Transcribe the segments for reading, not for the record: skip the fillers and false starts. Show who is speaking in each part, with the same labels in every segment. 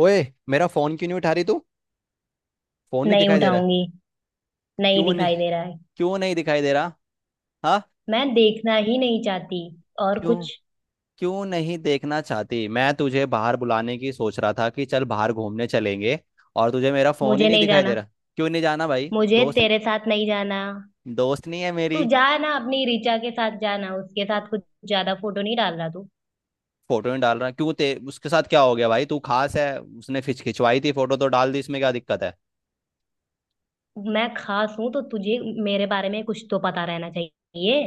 Speaker 1: ओए, मेरा फोन क्यों नहीं उठा रही तू। फोन नहीं
Speaker 2: नहीं
Speaker 1: दिखाई दे रहा है।
Speaker 2: उठाऊंगी। नहीं
Speaker 1: क्यों नहीं,
Speaker 2: दिखाई दे रहा है।
Speaker 1: क्यों नहीं दिखाई दे रहा। हाँ।
Speaker 2: मैं देखना ही नहीं चाहती। और
Speaker 1: क्यों,
Speaker 2: कुछ?
Speaker 1: क्यों नहीं देखना चाहती। मैं तुझे बाहर बुलाने की सोच रहा था कि चल बाहर घूमने चलेंगे, और तुझे मेरा फोन ही
Speaker 2: मुझे
Speaker 1: नहीं
Speaker 2: नहीं
Speaker 1: दिखाई दे
Speaker 2: जाना।
Speaker 1: रहा। क्यों नहीं जाना भाई
Speaker 2: मुझे
Speaker 1: दोस्त।
Speaker 2: तेरे साथ नहीं जाना।
Speaker 1: दोस्त नहीं है मेरी?
Speaker 2: तू जा ना, अपनी ऋचा के साथ जाना उसके साथ कुछ। ज्यादा फोटो नहीं डाल रहा तू।
Speaker 1: फोटो नहीं डाल रहा क्यों ते? उसके साथ क्या हो गया भाई, तू खास है। उसने खिंच खिंचवाई थी फोटो तो डाल दी, इसमें क्या दिक्कत है।
Speaker 2: मैं खास हूं तो तुझे मेरे बारे में कुछ तो पता रहना चाहिए।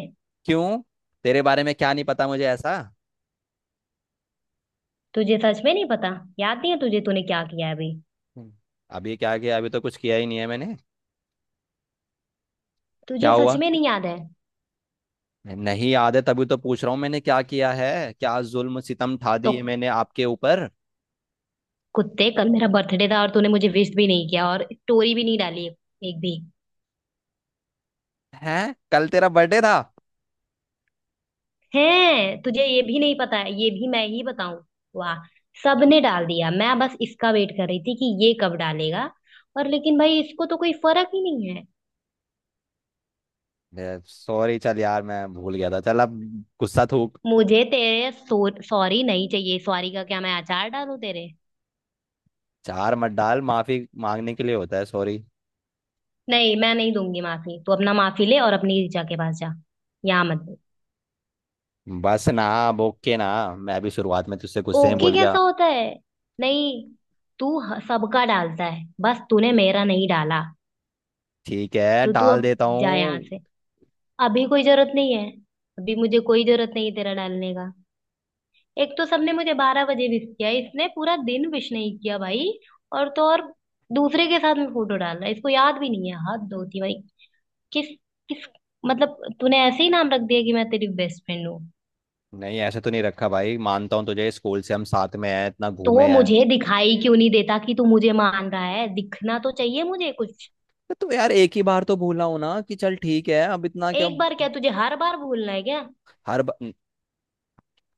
Speaker 1: क्यों, तेरे बारे में क्या नहीं पता मुझे ऐसा।
Speaker 2: तुझे सच में नहीं पता? याद नहीं है तुझे, तूने क्या किया है अभी?
Speaker 1: हम्म। अभी क्या किया, अभी तो कुछ किया ही नहीं है मैंने। क्या
Speaker 2: तुझे सच
Speaker 1: हुआ।
Speaker 2: में नहीं याद है?
Speaker 1: नहीं याद है तभी तो पूछ रहा हूँ, मैंने क्या किया है, क्या जुल्म सितम ढा
Speaker 2: तो
Speaker 1: दिए मैंने आपके ऊपर।
Speaker 2: कुत्ते, कल मेरा बर्थडे था और तूने मुझे विश भी नहीं किया और स्टोरी भी नहीं डाली। एक भी।
Speaker 1: हैं, कल तेरा बर्थडे था।
Speaker 2: है, तुझे ये भी नहीं पता है? ये भी मैं ही बताऊं? वाह। सबने डाल दिया, मैं बस इसका वेट कर रही थी कि ये कब डालेगा। और लेकिन भाई, इसको तो कोई फर्क ही नहीं है।
Speaker 1: सॉरी चल यार, मैं भूल गया था। चल अब गुस्सा थूक।
Speaker 2: मुझे तेरे सॉरी नहीं चाहिए। सॉरी का क्या मैं अचार डालूं तेरे?
Speaker 1: चार मत डाल, माफी मांगने के लिए होता है सॉरी।
Speaker 2: नहीं, मैं नहीं दूंगी माफी। तू अपना माफी ले और अपनी ऋचा के पास जा। यहाँ मत दे।
Speaker 1: बस ना, बोके ना। मैं भी शुरुआत में तुझसे गुस्से में
Speaker 2: ओके
Speaker 1: बोल
Speaker 2: कैसा
Speaker 1: गया।
Speaker 2: होता है? नहीं, तू सबका डालता है, बस तूने मेरा नहीं डाला।
Speaker 1: ठीक है,
Speaker 2: तो तू
Speaker 1: डाल
Speaker 2: अब
Speaker 1: देता
Speaker 2: जा यहाँ
Speaker 1: हूँ।
Speaker 2: से। अभी कोई जरूरत नहीं है। अभी मुझे कोई जरूरत नहीं है तेरा डालने का। एक तो सबने मुझे 12 बजे विश किया, इसने पूरा दिन विश नहीं किया भाई। और तो और, दूसरे के साथ में फोटो डाल रहा है। इसको याद भी नहीं है, हाथ धोती भाई। किस? किस? मतलब तूने ऐसे ही नाम रख दिया कि मैं तेरी बेस्ट फ्रेंड हूँ?
Speaker 1: नहीं, ऐसे तो नहीं रखा भाई, मानता हूँ तुझे, स्कूल से हम साथ में हैं, इतना
Speaker 2: तो
Speaker 1: घूमे हैं।
Speaker 2: मुझे दिखाई क्यों नहीं देता कि तू मुझे मान रहा है? दिखना तो चाहिए मुझे कुछ।
Speaker 1: तो यार एक ही बार तो भूला हो ना, कि चल ठीक है, अब इतना क्या।
Speaker 2: एक बार क्या, तुझे हर बार भूलना है क्या?
Speaker 1: हर बार।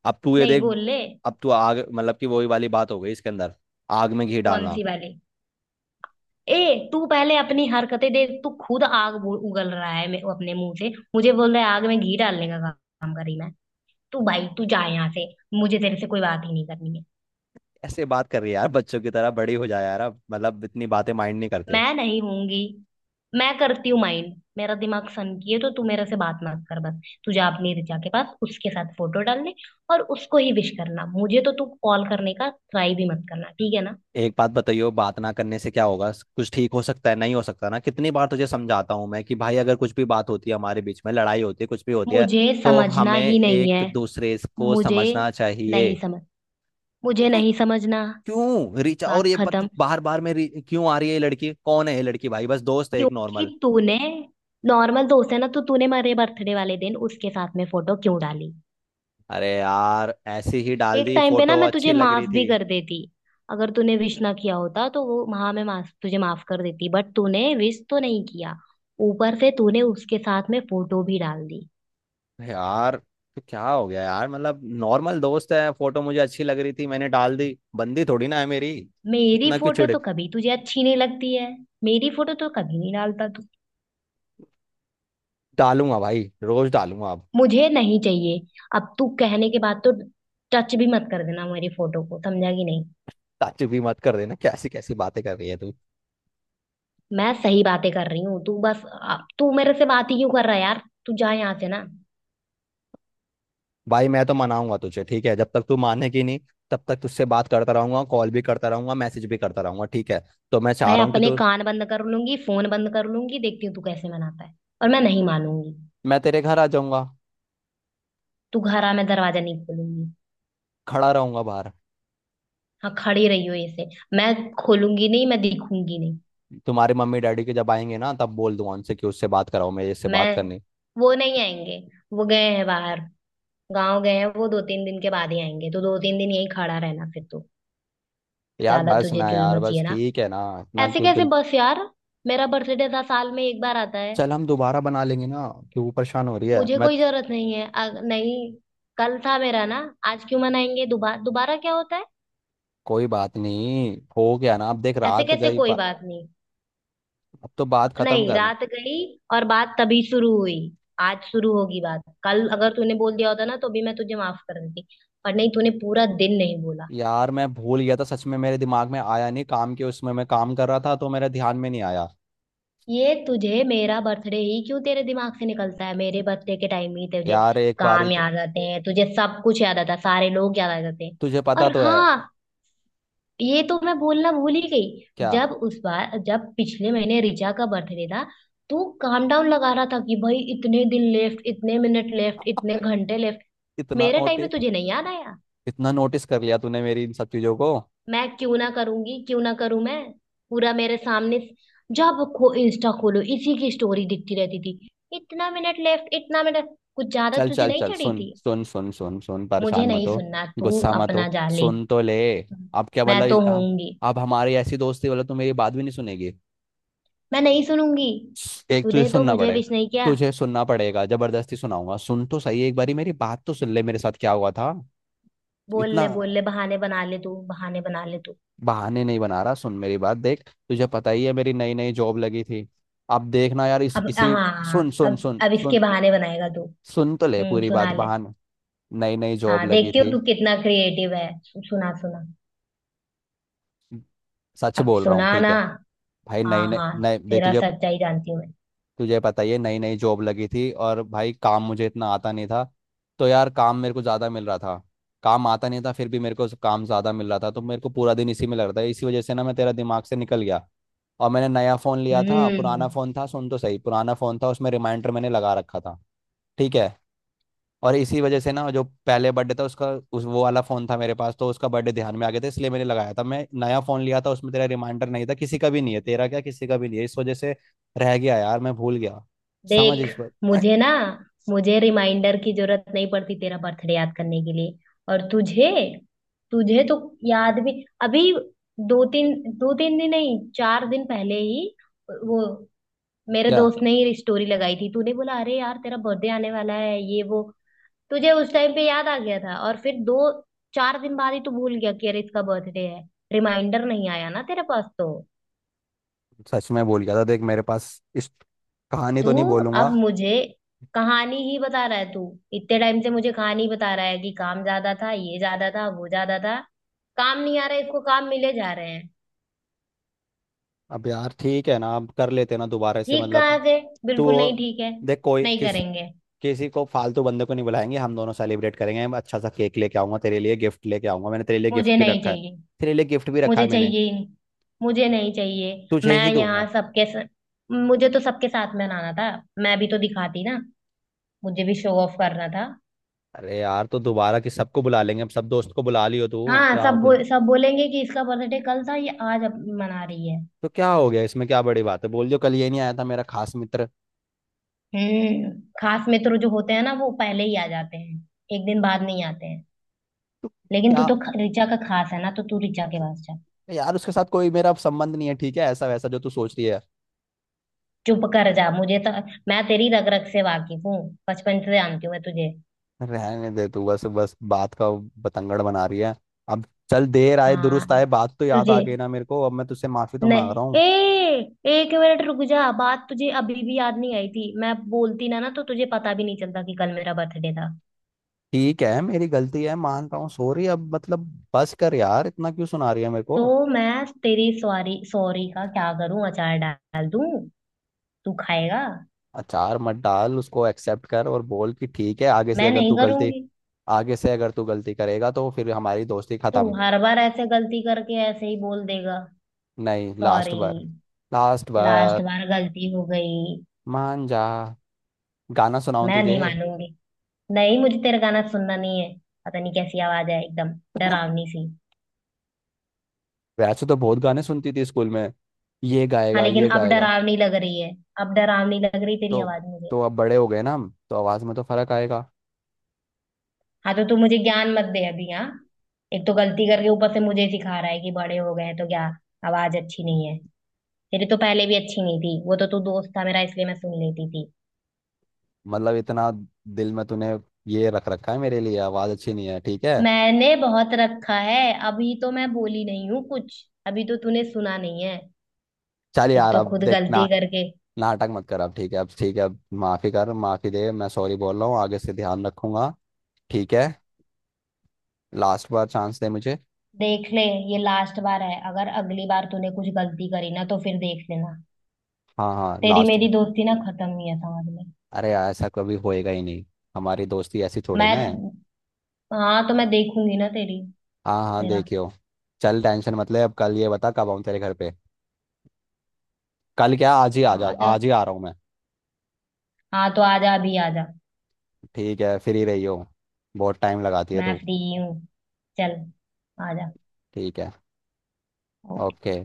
Speaker 1: अब तू ये
Speaker 2: नहीं,
Speaker 1: देख,
Speaker 2: बोल ले।
Speaker 1: अब तू आग, मतलब कि वही वाली बात हो गई इसके अंदर, आग में घी
Speaker 2: कौन
Speaker 1: डालना।
Speaker 2: सी वाली? ए तू पहले अपनी हरकतें देख। तू खुद आग उगल रहा है अपने मुंह से, मुझे बोल रहा है आग में घी डालने का काम कर रही मैं। तू भाई, तू जा यहाँ से। मुझे तेरे से कोई बात ही नहीं करनी है।
Speaker 1: ऐसे बात कर रही है यार बच्चों की तरह, बड़ी हो जाए यार अब, मतलब इतनी बातें माइंड नहीं करते।
Speaker 2: मैं नहीं होंगी। मैं करती हूँ माइंड। मेरा दिमाग सनकी है, तो तू मेरे से बात मत कर। बस तू जा अपनी रिचा के पास, उसके साथ फोटो डालने और उसको ही विश करना। मुझे तो तू कॉल करने का ट्राई भी मत करना, ठीक है ना?
Speaker 1: एक बात बताइयो, बात ना करने से क्या होगा, कुछ ठीक हो सकता है? नहीं हो सकता ना। कितनी बार तुझे समझाता हूँ मैं कि भाई, अगर कुछ भी बात होती है हमारे बीच में, लड़ाई होती है कुछ भी होती है,
Speaker 2: मुझे
Speaker 1: तो
Speaker 2: समझना
Speaker 1: हमें
Speaker 2: ही नहीं है।
Speaker 1: एक दूसरे को
Speaker 2: मुझे
Speaker 1: समझना चाहिए।
Speaker 2: नहीं समझ, मुझे नहीं समझना।
Speaker 1: क्यों रिचा और
Speaker 2: बात
Speaker 1: ये पति
Speaker 2: खत्म।
Speaker 1: बार बार में क्यों आ रही है? ये लड़की कौन है, ये लड़की भाई बस दोस्त है एक
Speaker 2: क्योंकि
Speaker 1: नॉर्मल।
Speaker 2: तूने, नॉर्मल दोस्त है ना तो तूने मेरे बर्थडे वाले दिन उसके साथ में फोटो क्यों डाली?
Speaker 1: अरे यार, ऐसी ही डाल
Speaker 2: एक
Speaker 1: दी
Speaker 2: टाइम पे ना,
Speaker 1: फोटो,
Speaker 2: मैं तुझे
Speaker 1: अच्छी लग
Speaker 2: माफ
Speaker 1: रही थी।
Speaker 2: भी कर देती। अगर तूने विश ना किया होता तो, वो हाँ, मैं माफ, तुझे माफ कर देती, बट तूने विश तो नहीं किया। ऊपर से तूने उसके साथ में फोटो भी डाल दी।
Speaker 1: अरे यार, तो क्या हो गया यार, मतलब नॉर्मल दोस्त है, फोटो मुझे अच्छी लग रही थी मैंने डाल दी, बंदी थोड़ी ना है मेरी।
Speaker 2: मेरी
Speaker 1: इतना क्यों
Speaker 2: फोटो
Speaker 1: चिढ़।
Speaker 2: तो कभी तुझे अच्छी नहीं लगती है। मेरी फोटो तो कभी नहीं डालता तू।
Speaker 1: डालूंगा भाई, रोज डालूंगा अब।
Speaker 2: मुझे नहीं चाहिए। अब तू कहने के बाद तो टच भी मत कर देना मेरी फोटो को, समझा कि नहीं?
Speaker 1: ताज्जुब भी मत कर देना, कैसी कैसी बातें कर रही है तू।
Speaker 2: मैं सही बातें कर रही हूँ। तू बस तू मेरे से बात ही क्यों कर रहा है यार? तू जा यहाँ से ना।
Speaker 1: भाई मैं तो मनाऊंगा तुझे, ठीक है, जब तक तू मानेगी नहीं तब तक तुझसे बात करता रहूंगा, कॉल भी करता रहूंगा, मैसेज भी करता रहूंगा, ठीक है। तो मैं चाह
Speaker 2: मैं
Speaker 1: रहा हूँ कि
Speaker 2: अपने
Speaker 1: तू,
Speaker 2: कान बंद कर लूंगी, फोन बंद कर लूंगी। देखती हूँ तू कैसे मनाता है। और मैं नहीं मानूंगी।
Speaker 1: मैं तेरे घर आ जाऊंगा,
Speaker 2: तू घर आ, मैं दरवाजा नहीं खोलूंगी।
Speaker 1: खड़ा रहूंगा बाहर।
Speaker 2: हाँ, खड़ी रही हो ऐसे। मैं खोलूंगी नहीं, मैं दिखूंगी नहीं।
Speaker 1: तुम्हारे मम्मी डैडी के जब आएंगे ना, तब बोल दूंगा उनसे कि उससे बात कराओ, मेरे इससे
Speaker 2: मैं,
Speaker 1: बात करनी।
Speaker 2: वो नहीं आएंगे। वो गए हैं बाहर। गाँव गए हैं, वो दो तीन दिन के बाद ही आएंगे। तो दो तीन दिन यहीं खड़ा रहना फिर तो।
Speaker 1: यार
Speaker 2: ज्यादा
Speaker 1: बस
Speaker 2: तुझे
Speaker 1: ना
Speaker 2: चुल
Speaker 1: यार,
Speaker 2: मची
Speaker 1: बस
Speaker 2: है ना?
Speaker 1: ठीक है ना, इतना
Speaker 2: ऐसे
Speaker 1: क्यों
Speaker 2: कैसे
Speaker 1: दिल।
Speaker 2: बस यार। मेरा बर्थडे था, साल में एक बार आता है।
Speaker 1: चल हम दोबारा बना लेंगे ना। क्यों परेशान हो रही है,
Speaker 2: मुझे कोई जरूरत नहीं है नहीं। कल था मेरा ना। आज क्यों मनाएंगे? दोबारा दोबारा क्या होता है?
Speaker 1: कोई बात नहीं, हो गया ना, अब देख
Speaker 2: ऐसे
Speaker 1: रात
Speaker 2: कैसे
Speaker 1: गई
Speaker 2: कोई बात नहीं।
Speaker 1: अब तो बात खत्म
Speaker 2: नहीं,
Speaker 1: करना।
Speaker 2: रात गई और बात तभी शुरू हुई। आज शुरू होगी बात। कल अगर तूने बोल दिया होता ना तो भी मैं तुझे माफ कर देती। पर नहीं, तूने पूरा दिन नहीं बोला।
Speaker 1: यार मैं भूल गया था सच में, मेरे दिमाग में आया नहीं, काम के उसमें मैं काम कर रहा था तो मेरे ध्यान में नहीं आया।
Speaker 2: ये तुझे मेरा बर्थडे ही क्यों तेरे दिमाग से निकलता है? मेरे बर्थडे के टाइम ही तुझे
Speaker 1: यार एक बारी
Speaker 2: काम याद आते हैं। तुझे सब कुछ याद आता है, सारे लोग याद आ जाते हैं।
Speaker 1: तुझे पता
Speaker 2: और
Speaker 1: तो है।
Speaker 2: हाँ, ये तो मैं बोलना भूल ही गई।
Speaker 1: क्या।
Speaker 2: जब उस बार, जब पिछले महीने रिचा का बर्थडे था, तो काम डाउन लगा रहा था कि भाई इतने दिन लेफ्ट, इतने मिनट लेफ्ट, इतने
Speaker 1: अरे
Speaker 2: घंटे लेफ्ट।
Speaker 1: इतना
Speaker 2: मेरे टाइम पे
Speaker 1: नोटिस,
Speaker 2: तुझे नहीं याद आया।
Speaker 1: इतना नोटिस कर लिया तूने मेरी इन सब चीजों को।
Speaker 2: मैं क्यों ना करूंगी? क्यों ना करूं मैं? पूरा मेरे सामने, जब खो इंस्टा खोलो इसी की स्टोरी दिखती रहती थी। इतना मिनट लेफ्ट, इतना मिनट, कुछ ज्यादा
Speaker 1: चल
Speaker 2: तुझे
Speaker 1: चल
Speaker 2: नहीं
Speaker 1: चल,
Speaker 2: चढ़ी
Speaker 1: सुन
Speaker 2: थी?
Speaker 1: सुन सुन सुन सुन,
Speaker 2: मुझे
Speaker 1: परेशान मत
Speaker 2: नहीं
Speaker 1: हो,
Speaker 2: सुनना। तू
Speaker 1: गुस्सा मत
Speaker 2: अपना
Speaker 1: हो,
Speaker 2: जा ले।
Speaker 1: सुन तो ले, अब क्या
Speaker 2: मैं
Speaker 1: बोला।
Speaker 2: तो
Speaker 1: हम,
Speaker 2: होऊंगी।
Speaker 1: अब हमारी ऐसी दोस्ती बोला, तू मेरी बात भी नहीं सुनेगी?
Speaker 2: मैं नहीं सुनूंगी।
Speaker 1: एक तुझे
Speaker 2: तूने तो
Speaker 1: सुनना
Speaker 2: मुझे
Speaker 1: पड़ेगा,
Speaker 2: विश नहीं किया।
Speaker 1: तुझे सुनना पड़ेगा, जबरदस्ती सुनाऊंगा, सुन तो सही, एक बारी मेरी बात तो सुन ले, मेरे साथ क्या हुआ था।
Speaker 2: बोल
Speaker 1: इतना
Speaker 2: ले, बोल ले, बहाने बना ले तू, बहाने बना ले तू।
Speaker 1: बहाने नहीं बना रहा, सुन मेरी बात, देख तुझे पता ही है मेरी नई नई जॉब लगी थी। अब देखना यार इस
Speaker 2: अब हाँ,
Speaker 1: इसी
Speaker 2: हाँ,
Speaker 1: सुन
Speaker 2: हाँ,
Speaker 1: सुन सुन
Speaker 2: अब इसके
Speaker 1: सुन,
Speaker 2: बहाने बनाएगा तू।
Speaker 1: सुन तो ले
Speaker 2: हम्म,
Speaker 1: पूरी बात,
Speaker 2: सुना ले।
Speaker 1: बहाने। नई नई जॉब
Speaker 2: हाँ,
Speaker 1: लगी
Speaker 2: देखती
Speaker 1: थी,
Speaker 2: हूँ तू कितना क्रिएटिव है। सुना, सुना।
Speaker 1: सच
Speaker 2: अब
Speaker 1: बोल रहा
Speaker 2: सुना
Speaker 1: हूँ ठीक
Speaker 2: ना।
Speaker 1: है। भाई
Speaker 2: हाँ,
Speaker 1: नई नई,
Speaker 2: हाँ।
Speaker 1: नई देख
Speaker 2: तेरा
Speaker 1: तुझे,
Speaker 2: सच्चाई जानती हूँ मैं।
Speaker 1: तुझे पता ही है नई नई जॉब लगी थी, और भाई काम मुझे इतना आता नहीं था, तो यार काम मेरे को ज़्यादा मिल रहा था। काम आता नहीं था फिर भी मेरे को काम ज़्यादा मिल रहा था, तो मेरे को पूरा दिन इसी में लग रहा था, इसी वजह से ना मैं, तेरा दिमाग से निकल गया। और मैंने नया फ़ोन लिया था, पुराना
Speaker 2: हम्म।
Speaker 1: फ़ोन था, सुन तो सही, पुराना फ़ोन था उसमें रिमाइंडर मैंने लगा रखा था। ठीक है? और इसी वजह
Speaker 2: हाँ।
Speaker 1: से ना, जो पहले बर्थडे था उसका, उस, वो वाला फोन था मेरे पास, तो उसका बर्थडे ध्यान में आ गया था, इसलिए मैंने लगाया था। मैं नया फोन लिया था उसमें तेरा रिमाइंडर नहीं था, किसी का भी नहीं है, तेरा क्या किसी का भी नहीं है, इस वजह से रह गया यार, मैं भूल गया। समझ
Speaker 2: देख,
Speaker 1: इस पर।
Speaker 2: मुझे ना, मुझे रिमाइंडर की जरूरत नहीं पड़ती तेरा बर्थडे याद करने के लिए। और तुझे, तुझे तो, याद भी, अभी दो तीन दिन नहीं, 4 दिन पहले ही, वो मेरे
Speaker 1: क्या,
Speaker 2: दोस्त ने ही स्टोरी लगाई थी, तूने बोला अरे यार तेरा बर्थडे आने वाला है, ये वो। तुझे उस टाइम पे याद आ गया था, और फिर दो चार दिन बाद ही तू भूल गया कि अरे इसका बर्थडे है। रिमाइंडर नहीं आया ना तेरे पास तो?
Speaker 1: सच में भूल गया था देख, मेरे पास इस कहानी
Speaker 2: तू
Speaker 1: तो नहीं
Speaker 2: अब
Speaker 1: बोलूंगा।
Speaker 2: मुझे कहानी ही बता रहा है। तू इतने टाइम से मुझे कहानी बता रहा है कि काम ज्यादा था, ये ज्यादा था, वो ज्यादा था। काम नहीं आ रहा इसको, काम मिले जा रहे हैं।
Speaker 1: अब यार ठीक है ना, अब कर लेते ना दोबारा से,
Speaker 2: ठीक
Speaker 1: मतलब।
Speaker 2: कहाँ से?
Speaker 1: तो
Speaker 2: बिल्कुल नहीं ठीक है।
Speaker 1: देख, कोई
Speaker 2: नहीं
Speaker 1: किस
Speaker 2: करेंगे।
Speaker 1: किसी को फालतू बंदे को नहीं बुलाएंगे, हम दोनों सेलिब्रेट करेंगे, मैं अच्छा सा केक लेके आऊंगा, तेरे लिए गिफ्ट लेके आऊंगा, मैंने तेरे लिए गिफ्ट
Speaker 2: मुझे
Speaker 1: भी
Speaker 2: नहीं
Speaker 1: रखा है।
Speaker 2: चाहिए।
Speaker 1: तेरे लिए गिफ्ट भी रखा
Speaker 2: मुझे
Speaker 1: है मैंने,
Speaker 2: चाहिए ही नहीं। मुझे नहीं चाहिए।
Speaker 1: तुझे
Speaker 2: मैं
Speaker 1: ही दूंगा।
Speaker 2: यहाँ सबके स... मुझे तो सबके साथ में नाना था। मैं भी तो दिखाती ना। मुझे भी शो ऑफ करना था।
Speaker 1: अरे यार, तो दोबारा कि सबको बुला लेंगे, अब सब दोस्त को बुला लियो तू।
Speaker 2: हाँ,
Speaker 1: क्या
Speaker 2: सब
Speaker 1: हो गया,
Speaker 2: सब बोलेंगे कि इसका बर्थडे कल था, ये आज मना रही है।
Speaker 1: तो क्या हो गया इसमें, क्या बड़ी बात है, बोल दियो कल ये नहीं आया था मेरा खास मित्र।
Speaker 2: हम्म। खास मित्र जो होते हैं ना, वो पहले ही आ जाते हैं। एक दिन बाद नहीं आते हैं।
Speaker 1: तो
Speaker 2: लेकिन तू
Speaker 1: क्या।
Speaker 2: तो ऋचा का खास है ना, तो तू ऋचा के पास जा।
Speaker 1: यार उसके साथ कोई मेरा संबंध नहीं है, ठीक है, ऐसा वैसा जो तू सोच रही है।
Speaker 2: चुप कर जा। मुझे तो, मैं तेरी रग रग से वाकिफ हूँ। बचपन से जानती हूँ मैं तुझे।
Speaker 1: रहने दे तू, बस बस बात का बतंगड़ बना रही है। अब चल, देर आए
Speaker 2: हाँ,
Speaker 1: दुरुस्त आए, बात तो याद आ
Speaker 2: तुझे
Speaker 1: गई ना मेरे को, अब मैं तुझसे माफी तो मांग
Speaker 2: नहीं,
Speaker 1: रहा हूँ।
Speaker 2: ए एक मिनट रुक जा। बात तुझे अभी भी याद नहीं आई थी, मैं बोलती ना ना तो तुझे पता भी नहीं चलता कि कल मेरा बर्थडे था।
Speaker 1: ठीक है मेरी गलती है, मान रहा हूँ, सॉरी, अब मतलब बस कर यार, इतना क्यों सुना रही है मेरे
Speaker 2: तो
Speaker 1: को।
Speaker 2: मैं तेरी सॉरी, सॉरी का क्या करूं? अचार डाल दूं? तू खाएगा?
Speaker 1: अचार मत डाल, उसको एक्सेप्ट कर और बोल कि ठीक है, आगे से
Speaker 2: मैं
Speaker 1: अगर
Speaker 2: नहीं
Speaker 1: तू गलती,
Speaker 2: करूंगी।
Speaker 1: आगे से अगर तू गलती करेगा तो फिर हमारी दोस्ती
Speaker 2: तू
Speaker 1: खत्म।
Speaker 2: हर बार ऐसे गलती करके ऐसे ही बोल देगा
Speaker 1: नहीं लास्ट
Speaker 2: सॉरी।
Speaker 1: बार, लास्ट
Speaker 2: लास्ट
Speaker 1: बार,
Speaker 2: बार गलती हो गई।
Speaker 1: मान जा। गाना सुनाऊं
Speaker 2: मैं
Speaker 1: तुझे?
Speaker 2: नहीं मानूंगी। नहीं, मुझे तेरा गाना सुनना नहीं है। पता नहीं कैसी आवाज है एकदम, डरावनी सी।
Speaker 1: वैसे तो बहुत गाने सुनती थी स्कूल में, ये
Speaker 2: हाँ,
Speaker 1: गाएगा
Speaker 2: लेकिन
Speaker 1: ये
Speaker 2: अब
Speaker 1: गाएगा।
Speaker 2: डरावनी लग रही है। अब डरावनी लग रही तेरी
Speaker 1: तो
Speaker 2: आवाज मुझे।
Speaker 1: तो अब बड़े हो गए ना हम तो आवाज में तो फर्क आएगा।
Speaker 2: हाँ, तो तू मुझे ज्ञान मत दे अभी, हाँ। एक तो गलती करके ऊपर से मुझे ही सिखा रहा है कि बड़े हो गए हैं तो क्या। आवाज अच्छी नहीं है। तेरी तो पहले भी अच्छी नहीं थी, वो तो तू दोस्त था मेरा इसलिए मैं सुन लेती थी।
Speaker 1: मतलब इतना दिल में तूने ये रख रखा है मेरे लिए, आवाज अच्छी नहीं है, ठीक है।
Speaker 2: मैंने बहुत रखा है, अभी तो मैं बोली नहीं हूँ कुछ, अभी तो तूने सुना नहीं है।
Speaker 1: चल
Speaker 2: एक
Speaker 1: यार,
Speaker 2: तो
Speaker 1: अब
Speaker 2: खुद
Speaker 1: देख ना,
Speaker 2: गलती करके।
Speaker 1: नाटक मत कर अब, ठीक है अब, ठीक है अब, माफी कर, माफी दे, मैं सॉरी बोल रहा हूँ, आगे से ध्यान रखूंगा, ठीक है? लास्ट बार चांस दे मुझे।
Speaker 2: देख ले, ये लास्ट बार है। अगर अगली बार तूने कुछ गलती करी ना तो फिर देख लेना।
Speaker 1: हाँ हाँ
Speaker 2: तेरी
Speaker 1: लास्ट।
Speaker 2: मेरी दोस्ती ना खत्म ही है, समझ में?
Speaker 1: अरे यार ऐसा कभी होएगा ही नहीं, हमारी दोस्ती ऐसी थोड़ी
Speaker 2: मैं,
Speaker 1: ना है।
Speaker 2: हाँ तो मैं देखूंगी ना तेरी।
Speaker 1: हाँ हाँ
Speaker 2: तेरा,
Speaker 1: देखियो। चल टेंशन मत ले, अब कल ये बता कब आऊँ तेरे घर पे। कल क्या, आज ही आ जा,
Speaker 2: हाँ तो,
Speaker 1: आज ही आ रहा हूँ मैं।
Speaker 2: हाँ तो आजा अभी, आजा।
Speaker 1: ठीक है, फ्री रही हो, बहुत टाइम लगाती है
Speaker 2: मैं
Speaker 1: तू।
Speaker 2: फ्री हूँ। चल, आजा।
Speaker 1: ठीक है।
Speaker 2: ओ-
Speaker 1: ओके।